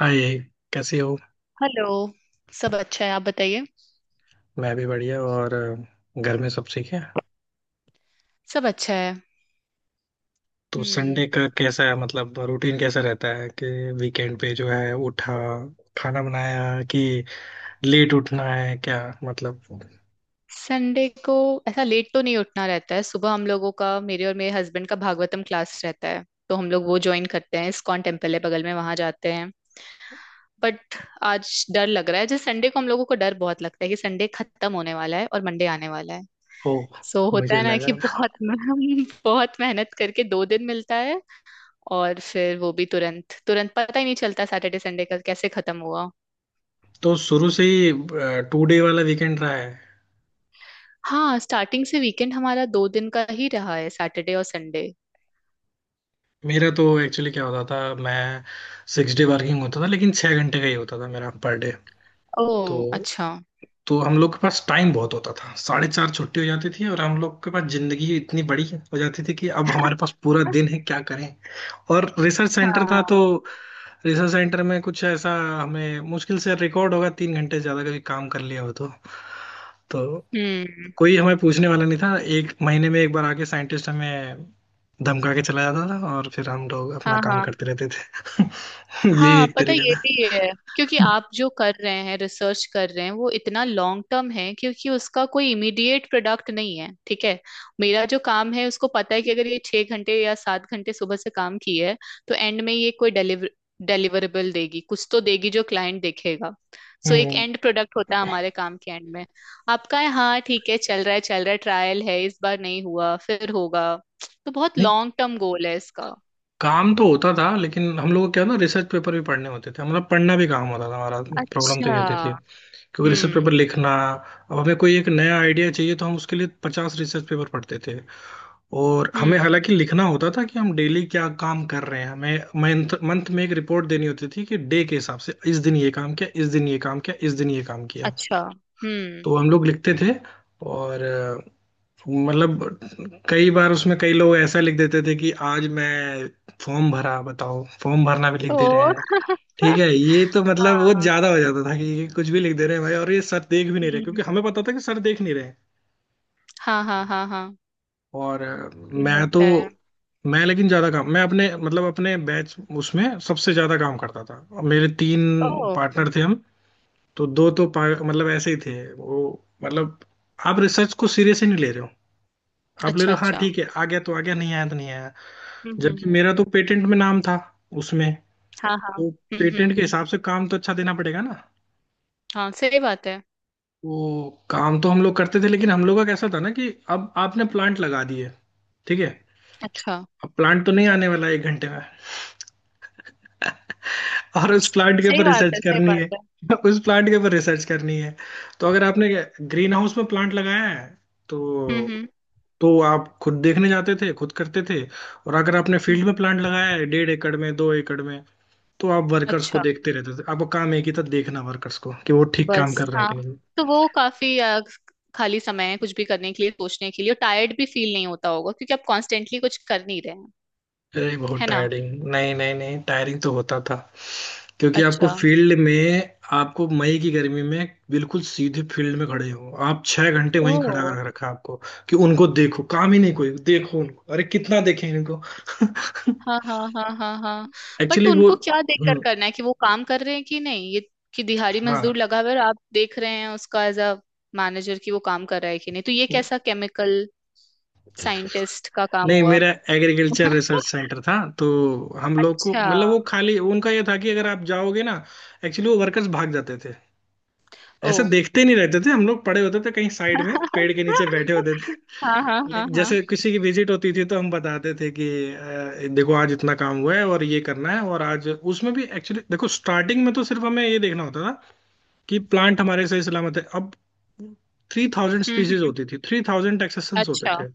हाय। कैसी हो? हेलो। सब अच्छा है, आप बताइए। मैं भी बढ़िया। और घर में सब ठीक है। सब अच्छा है। तो हम्म। संडे का कैसा है, मतलब रूटीन कैसा रहता है कि वीकेंड पे जो है उठा, खाना बनाया, कि लेट उठना है क्या, मतलब। संडे को ऐसा लेट तो नहीं उठना रहता है। सुबह हम लोगों का, मेरे और मेरे हस्बैंड का, भागवतम क्लास रहता है, तो हम लोग वो ज्वाइन करते हैं। इस्कॉन टेम्पल है बगल में, वहां जाते हैं। बट आज डर लग रहा है, जैसे संडे को हम लोगों को डर बहुत लगता है कि संडे खत्म होने वाला है और मंडे आने वाला है। ओ, सो होता मुझे है ना कि लगा बहुत बहुत मेहनत करके 2 दिन मिलता है। और फिर वो भी तुरंत तुरंत पता ही नहीं चलता सैटरडे संडे का कैसे खत्म हुआ। तो शुरू से ही टू डे वाला वीकेंड रहा है। हाँ, स्टार्टिंग से वीकेंड हमारा 2 दिन का ही रहा है, सैटरडे और संडे। मेरा तो एक्चुअली क्या होता था, मैं सिक्स डे वर्किंग होता था, लेकिन छः घंटे का ही होता था मेरा पर डे। तो ओह अच्छा। तो हम लोग के पास टाइम बहुत होता था, 4:30 छुट्टी हो जाती थी और हम लोग के पास जिंदगी इतनी बड़ी हो जाती थी कि अब हमारे पास पूरा दिन है, क्या करें। और रिसर्च सेंटर था, हाँ। तो रिसर्च सेंटर में कुछ ऐसा, हमें मुश्किल से रिकॉर्ड होगा 3 घंटे से ज्यादा कभी काम कर लिया हो। तो हम्म। कोई हमें पूछने वाला नहीं था, एक महीने में एक बार आके साइंटिस्ट हमें धमका के चला जाता था और फिर हम लोग अपना हाँ काम हाँ। करते रहते थे। ये हाँ एक पता है, तरीका ये था। भी है क्योंकि आप जो कर रहे हैं, रिसर्च कर रहे हैं, वो इतना लॉन्ग टर्म है क्योंकि उसका कोई इमीडिएट प्रोडक्ट नहीं है ठीक है। मेरा जो काम है उसको पता है कि अगर ये 6 घंटे या 7 घंटे सुबह से काम की है, तो एंड में ये कोई डिलीवरेबल देगी, कुछ तो देगी जो क्लाइंट देखेगा। सो एक हम्म। एंड प्रोडक्ट होता है हमारे काम के एंड में। आपका है हाँ ठीक है, चल रहा है चल रहा है, ट्रायल है, इस बार नहीं हुआ फिर होगा, तो बहुत नहीं, लॉन्ग टर्म गोल है इसका। काम तो होता था, लेकिन हम लोग को क्या ना, रिसर्च पेपर भी पढ़ने होते थे, मतलब पढ़ना भी काम होता था हमारा। प्रॉब्लम तो ये अच्छा। होती थी, क्योंकि रिसर्च हम्म पेपर लिखना, अब हमें कोई एक नया आइडिया चाहिए तो हम उसके लिए 50 रिसर्च पेपर पढ़ते थे। और हमें हम्म। हालांकि लिखना होता था कि हम डेली क्या काम कर रहे हैं, हमें मंथ मंथ में एक रिपोर्ट देनी होती थी कि डे के हिसाब से इस दिन ये काम किया, इस दिन ये काम किया, इस दिन ये काम किया। अच्छा। हम्म। तो हम लोग लिखते थे। और मतलब कई बार उसमें कई लोग ऐसा लिख देते थे कि आज मैं फॉर्म भरा, बताओ, फॉर्म भरना भी लिख दे रहे तो हैं। ठीक है, ये तो मतलब बहुत हाँ। ज्यादा हो जाता था कि ये कुछ भी लिख दे रहे हैं भाई, और ये सर देख भी नहीं रहे, क्योंकि हम्म। हमें पता था कि सर देख नहीं रहे हैं। हाँ हाँ हाँ हाँ। और ये होता है। मैं लेकिन ज्यादा काम, मैं अपने मतलब अपने बैच उसमें सबसे ज्यादा काम करता था, और मेरे तीन ओ पार्टनर थे हम। तो दो तो मतलब ऐसे ही थे वो, मतलब आप रिसर्च को सीरियस ही नहीं ले रहे हो, आप ले रहे अच्छा हो। हाँ अच्छा। ठीक है, आ गया तो आ गया, नहीं आया तो नहीं आया। हम्म। जबकि मेरा तो पेटेंट में नाम था उसमें, हाँ हाँ। तो हम्म। पेटेंट के हिसाब से काम तो अच्छा देना पड़ेगा ना। हाँ सही बात है। तो काम तो हम लोग करते थे, लेकिन हम लोग का कैसा था ना कि, अब आपने प्लांट लगा दिए, ठीक है, अच्छा। अब प्लांट तो नहीं आने वाला 1 घंटे में, और उस प्लांट के सही ऊपर बात रिसर्च है, सही करनी बात है, है। उस प्लांट के ऊपर रिसर्च करनी है। तो अगर आपने ग्रीन हाउस में प्लांट लगाया है तो हम्म। तो आप खुद देखने जाते थे, खुद करते थे। और अगर आपने फील्ड हम्म, में प्लांट लगाया है, 1.5 एकड़ में, 2 एकड़ में, तो आप वर्कर्स को अच्छा। देखते रहते थे। आपका काम एक ही था, देखना वर्कर्स को कि वो ठीक काम बस कर रहे हैं हाँ। कि नहीं। तो वो काफी खाली समय है, कुछ भी करने के लिए, सोचने के लिए। और टायर्ड भी फील नहीं होता होगा क्योंकि आप कॉन्स्टेंटली कुछ कर नहीं रहे हैं, अरे, बहुत है ना। टायरिंग, नहीं नहीं नहीं, टायरिंग तो होता था, क्योंकि आपको अच्छा। फील्ड में, आपको मई की गर्मी में बिल्कुल सीधे फील्ड में खड़े हो, आप 6 घंटे वहीं खड़ा ओ। कर रखा आपको कि उनको देखो, काम ही नहीं, कोई देखो उनको, अरे कितना देखें इनको। हाँ हाँ हाँ हाँ हाँ। बट एक्चुअली वो उनको क्या देखकर करना है कि वो काम कर रहे हैं कि नहीं, ये कि दिहाड़ी मजदूर हाँ। लगा हुआ है और आप देख रहे हैं उसका एज अ मैनेजर कि वो काम कर रहा है कि नहीं, तो ये कैसा केमिकल साइंटिस्ट का काम नहीं, हुआ। मेरा एग्रीकल्चर रिसर्च सेंटर था, तो हम लोग को अच्छा। मतलब वो खाली उनका ये था कि अगर आप जाओगे ना, एक्चुअली वो वर्कर्स भाग जाते थे। ओ। ऐसे देखते नहीं रहते थे, हम लोग पड़े होते थे कहीं साइड में पेड़ के नीचे बैठे होते थे। हाँ हाँ हाँ लेकिन हाँ। जैसे किसी की विजिट होती थी तो हम बताते थे कि देखो आज इतना काम हुआ है और ये करना है। और आज उसमें भी एक्चुअली देखो, स्टार्टिंग में तो सिर्फ हमें ये देखना होता था कि प्लांट हमारे सही सलामत है। अब 3,000 हम्म स्पीसीज हम्म, होती थी, 3,000 एक्सेसन्स होते अच्छा। थे,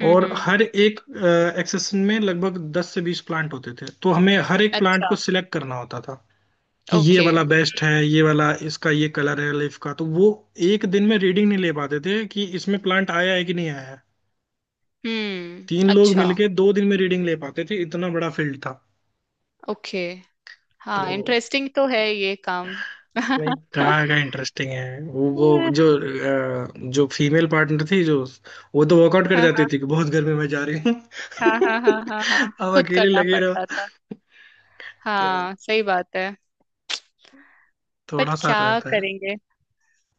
और हम्म। हर एक एक्सेसन में लगभग 10 से 20 प्लांट होते थे, तो हमें हर एक प्लांट अच्छा। को सिलेक्ट करना होता था कि ये ओके। वाला बेस्ट है, ये वाला इसका ये कलर है लीफ का। तो वो एक दिन में रीडिंग नहीं ले पाते थे कि इसमें प्लांट आया है कि नहीं आया है। हम्म। तीन लोग अच्छा। मिलके 2 दिन में रीडिंग ले पाते थे, इतना बड़ा फील्ड था। ओके। तो हाँ इंटरेस्टिंग तो है ये काम। नहीं, कहा का इंटरेस्टिंग है। वो जो जो फीमेल पार्टनर थी, जो वो तो वर्कआउट कर हाँ जाती हाँ थी कि बहुत गर्मी में जा रही हूँ। हाँ हाँ हाँ। हाँ हाँ अब खुद अकेले करना लगे पड़ता रहो। था। तो हाँ सही बात है। थोड़ा बट सा क्या रहता है। करेंगे।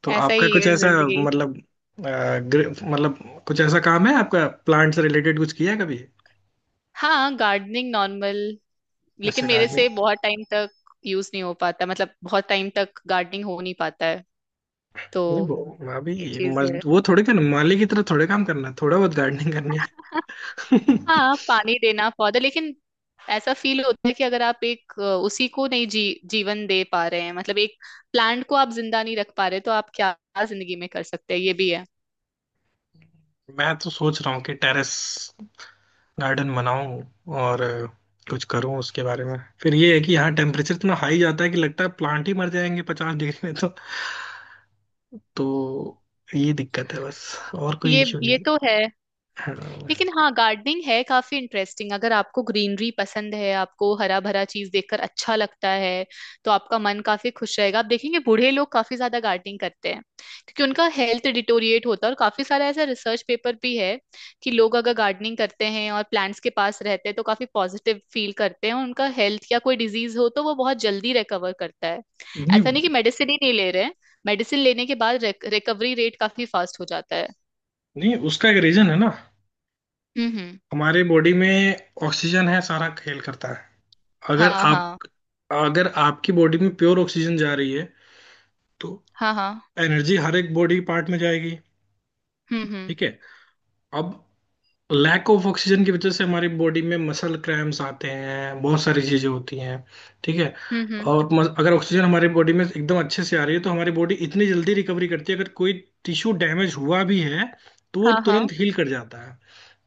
तो ऐसा आपका ही कुछ है ऐसा जिंदगी। मतलब मतलब कुछ ऐसा काम है आपका, प्लांट से रिलेटेड कुछ किया है कभी? हाँ गार्डनिंग नॉर्मल, लेकिन अच्छा मेरे गार्डनिंग। से बहुत टाइम तक यूज नहीं हो पाता, मतलब बहुत टाइम तक गार्डनिंग हो नहीं पाता है, तो नहीं वो, अभी ये चीज है। मजद वो थोड़े करना माली की तरह, थोड़े काम करना है, थोड़ा बहुत गार्डनिंग करनी है। हाँ पानी देना पौधा, लेकिन ऐसा फील होता है कि अगर आप एक उसी को नहीं जी जीवन दे पा रहे हैं, मतलब एक प्लांट को आप जिंदा नहीं रख पा रहे, तो आप क्या जिंदगी में कर सकते हैं, ये भी है। मैं तो सोच रहा हूँ कि टेरेस गार्डन बनाऊं और कुछ करूं उसके बारे में। फिर ये है कि यहाँ टेम्परेचर इतना हाई जाता है कि लगता है प्लांट ही मर जाएंगे 50 डिग्री में। तो ये दिक्कत है बस, और कोई ये इशू नहीं ये तो है। है। लेकिन हाँ। हाँ गार्डनिंग है काफी इंटरेस्टिंग, अगर आपको ग्रीनरी पसंद है, आपको हरा भरा चीज देखकर अच्छा लगता है, तो आपका मन काफी खुश रहेगा। आप देखेंगे बूढ़े लोग काफी ज्यादा गार्डनिंग करते हैं, क्योंकि उनका हेल्थ डिटोरिएट होता है। और काफी सारा ऐसा रिसर्च पेपर भी है कि लोग अगर गार्डनिंग करते हैं और प्लांट्स के पास रहते हैं, तो काफी पॉजिटिव फील करते हैं, और उनका हेल्थ या कोई डिजीज हो तो वो बहुत जल्दी रिकवर करता है। नहीं ऐसा नहीं कि नहीं, मेडिसिन ही नहीं ले रहे हैं, मेडिसिन लेने के बाद रिकवरी रेट काफी फास्ट हो जाता है। उसका एक रीजन है ना। हम्म। हमारे बॉडी में ऑक्सीजन है, सारा खेल करता है। अगर हाँ आप, हाँ। अगर आपकी बॉडी में प्योर ऑक्सीजन जा रही है तो हाँ हाँ। एनर्जी हर एक बॉडी पार्ट में जाएगी। हम्म। ठीक है, अब लैक ऑफ ऑक्सीजन की वजह से हमारी बॉडी में मसल क्रैम्स आते हैं, बहुत सारी चीजें होती हैं। ठीक है, हम्म हम्म, और अगर ऑक्सीजन हमारी बॉडी में एकदम अच्छे से आ रही है तो हमारी बॉडी इतनी जल्दी रिकवरी करती है, अगर कोई टिश्यू डैमेज हुआ भी है तो वो हाँ हाँ। तुरंत हील कर जाता है।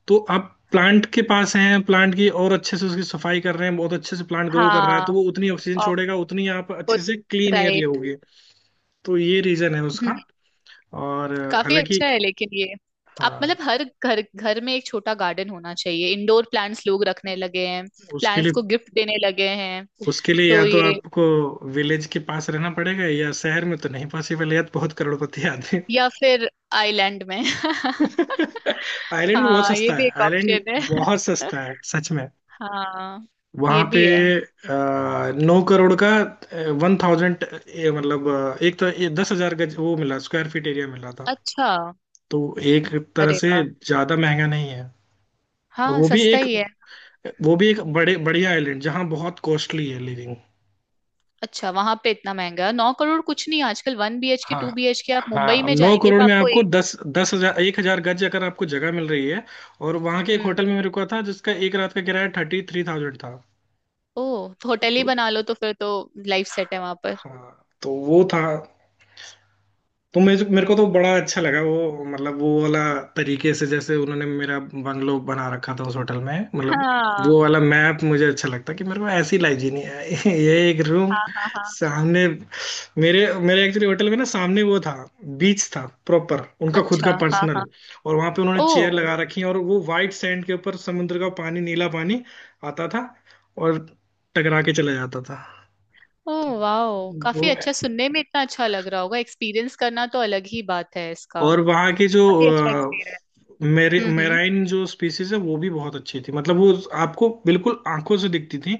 तो आप प्लांट के पास हैं, प्लांट की और अच्छे से उसकी सफाई कर रहे हैं, बहुत अच्छे से प्लांट ग्रो कर रहा है, तो हाँ वो उतनी ऑक्सीजन छोड़ेगा, उतनी आप अच्छे ऑकूट। से क्लीन एयर राइट। लोगे। तो ये रीजन है उसका। हम्म। और काफी हालांकि, अच्छा है, लेकिन ये आप मतलब हाँ, हर घर घर में एक छोटा गार्डन होना चाहिए। इंडोर प्लांट्स लोग रखने लगे हैं, उसके प्लांट्स लिए, को गिफ्ट देने लगे हैं, उसके लिए या तो तो ये आपको विलेज के पास रहना पड़ेगा, या शहर में तो नहीं पॉसिबल है, या तो बहुत करोड़पति आदमी। या फिर आइलैंड में। आइलैंड में बहुत हाँ ये सस्ता भी है एक आइलैंड, ऑप्शन बहुत है। सस्ता है सच में। हाँ वहां ये पे भी है। 9 करोड़ का 1000, मतलब एक तो ये 10,000 गज वो मिला, स्क्वायर फीट एरिया मिला था। अच्छा। तो एक तरह अरे से वाह। ज्यादा महंगा नहीं है, और हाँ वो भी सस्ता एक, ही है। वो भी एक बड़े बढ़िया आइलैंड जहाँ बहुत कॉस्टली है लिविंग। अच्छा वहां पे इतना महंगा है। 9 करोड़ कुछ नहीं आजकल, 1 BHK टू हाँ बी एच के आप मुंबई हाँ, में नौ जाएंगे करोड़ तो में आपको आपको एक। दस दस हजार 1,000 गज अगर आपको जगह मिल रही है। और वहां के एक हम्म। होटल में मेरे को था जिसका 1 रात का किराया 33,000 था। ओह तो होटल ही तो बना लो, तो फिर तो लाइफ सेट है वहां पर। हाँ, तो वो था। तो मेरे मेरे को तो बड़ा अच्छा लगा वो, मतलब वो वाला तरीके से जैसे उन्होंने मेरा बंगलो बना रखा था उस होटल में, मतलब हाँ वो वाला मैप मुझे अच्छा लगता कि मेरे को ऐसी लाइफ जीनी है। ये एक रूम हाँ हाँ हाँ। सामने, मेरे मेरे एक्चुअली होटल में ना सामने वो था, बीच था प्रॉपर उनका खुद का अच्छा। हाँ हाँ। पर्सनल। और वहां पे उन्होंने चेयर ओह। लगा रखी और वो वाइट सैंड के ऊपर समुद्र का पानी, नीला पानी आता था और टकरा के चला जाता था। तो ओह वाओ। काफी वो, अच्छा, सुनने में इतना अच्छा लग रहा होगा, एक्सपीरियंस करना तो अलग ही बात है इसका। और वहाँ की जो काफी अच्छा एक्सपीरियंस। मेरे हम्म। मेराइन जो स्पीसीज है, वो भी बहुत अच्छी थी, मतलब वो आपको बिल्कुल आंखों से दिखती थी।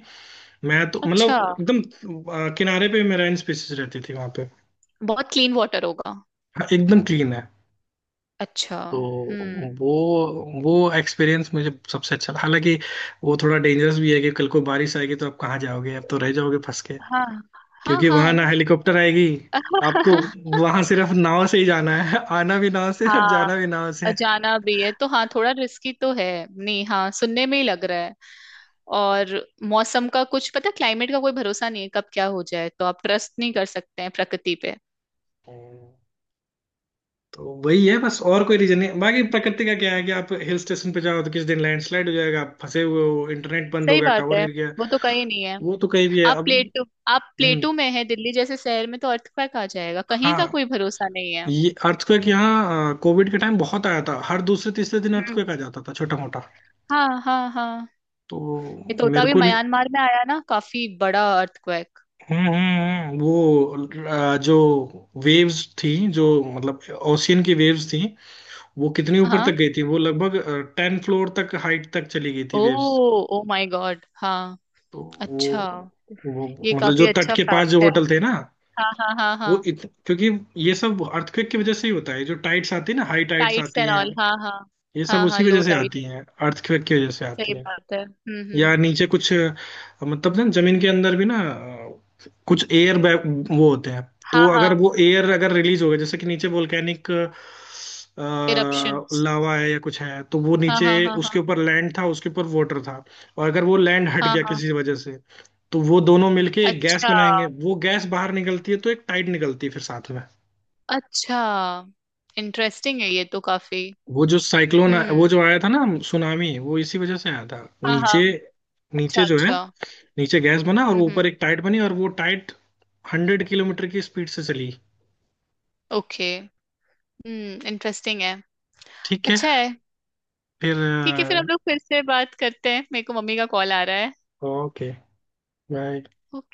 मैं तो अच्छा। मतलब एकदम किनारे पे मेराइन स्पीसीज रहती थी वहाँ पे। बहुत क्लीन वाटर होगा। हाँ, एकदम क्लीन है। अच्छा। तो हम्म। वो वो एक्सपीरियंस मुझे सबसे अच्छा था। हालांकि वो थोड़ा डेंजरस भी है कि कल को बारिश आएगी तो आप कहाँ जाओगे, आप तो रह जाओगे फंस के, हाँ हाँ क्योंकि वहां हाँ। ना हेलीकॉप्टर आएगी आपको, वहां सिर्फ नाव से ही जाना है, आना भी नाव से और हाँ। जाना भी नाव अजाना भी है तो हाँ, थोड़ा रिस्की तो है। नहीं हाँ, सुनने में ही लग रहा है। और मौसम का कुछ पता, क्लाइमेट का कोई भरोसा नहीं है, कब क्या हो जाए, तो आप ट्रस्ट नहीं कर सकते हैं प्रकृति पे। से। तो वही है बस, और कोई रीजन नहीं, बाकी हम्म, प्रकृति का क्या है कि आप हिल स्टेशन पे जाओ तो किस दिन लैंडस्लाइड हो जाएगा, आप फंसे हुए हो, इंटरनेट बंद हो सही गया, बात टावर है। गिर गया। वो तो कहीं नहीं है। वो तो कहीं भी है आप अब। प्लेटो आप हम्म। प्लेटो में है, दिल्ली जैसे शहर में तो अर्थक्वेक आ जाएगा, कहीं का हाँ। कोई भरोसा नहीं है। ये अर्थक्वेक यहाँ कोविड के टाइम बहुत आया था, हर दूसरे तीसरे दिन हम्म। अर्थक्वेक आ जाता था छोटा मोटा। हाँ हाँ हाँ। ये तो तो होता, मेरे भी को नहीं। म्यांमार में आया ना काफी बड़ा अर्थक्वेक। वो जो वेव्स थी जो, मतलब ओशियन की वेव्स थी, वो कितनी ऊपर तक हाँ। गई थी, वो लगभग 10 फ्लोर तक हाइट तक चली गई थी oh. Waves. Oh my god. हाँ। तो अच्छा। वो ये मतलब जो काफी तट अच्छा के पास जो फैक्ट है। होटल थे ना, हाँ हाँ हाँ हाँ। क्योंकि ये सब अर्थक्वेक की वजह से ही होता है, जो टाइड्स आती है ना, हाई टाइड्स टाइट्स आती एंड हैं, ऑल, हाँ हाँ। ये सब हाँ उसी हाँ वजह लो से टाइट। आती हैं, अर्थक्वेक की वजह से आती सही हैं। बात है। हम्म। या नीचे कुछ मतलब ना जमीन के अंदर भी ना कुछ एयर बैग वो होते हैं, हाँ तो हाँ। अगर वो एयर अगर रिलीज हो गया, जैसे कि नीचे वोल्केनिक इरप्शंस। लावा है या कुछ है, तो वो हाँ नीचे, हाँ हाँ उसके हाँ। ऊपर लैंड था, उसके ऊपर वाटर था, और अगर वो लैंड हट हाँ गया हाँ। किसी वजह से, तो वो दोनों मिलके एक गैस अच्छा। बनाएंगे, वो गैस बाहर निकलती है तो एक टाइड निकलती है, फिर साथ में अच्छा। इंटरेस्टिंग है ये तो काफी। वो जो साइक्लोन वो हम्म। जो आया था ना, सुनामी, वो इसी वजह से आया था। हाँ हाँ। नीचे, अच्छा नीचे जो है अच्छा। नीचे गैस बना और वो हम्म। ऊपर एक टाइट बनी, और वो टाइट 100 किलोमीटर की स्पीड से चली। ओके। हम्म, इंटरेस्टिंग है। ठीक है, अच्छा है। ठीक है फिर हम फिर लोग फिर से बात करते हैं, मेरे को मम्मी का कॉल आ रहा है। Okay, bye.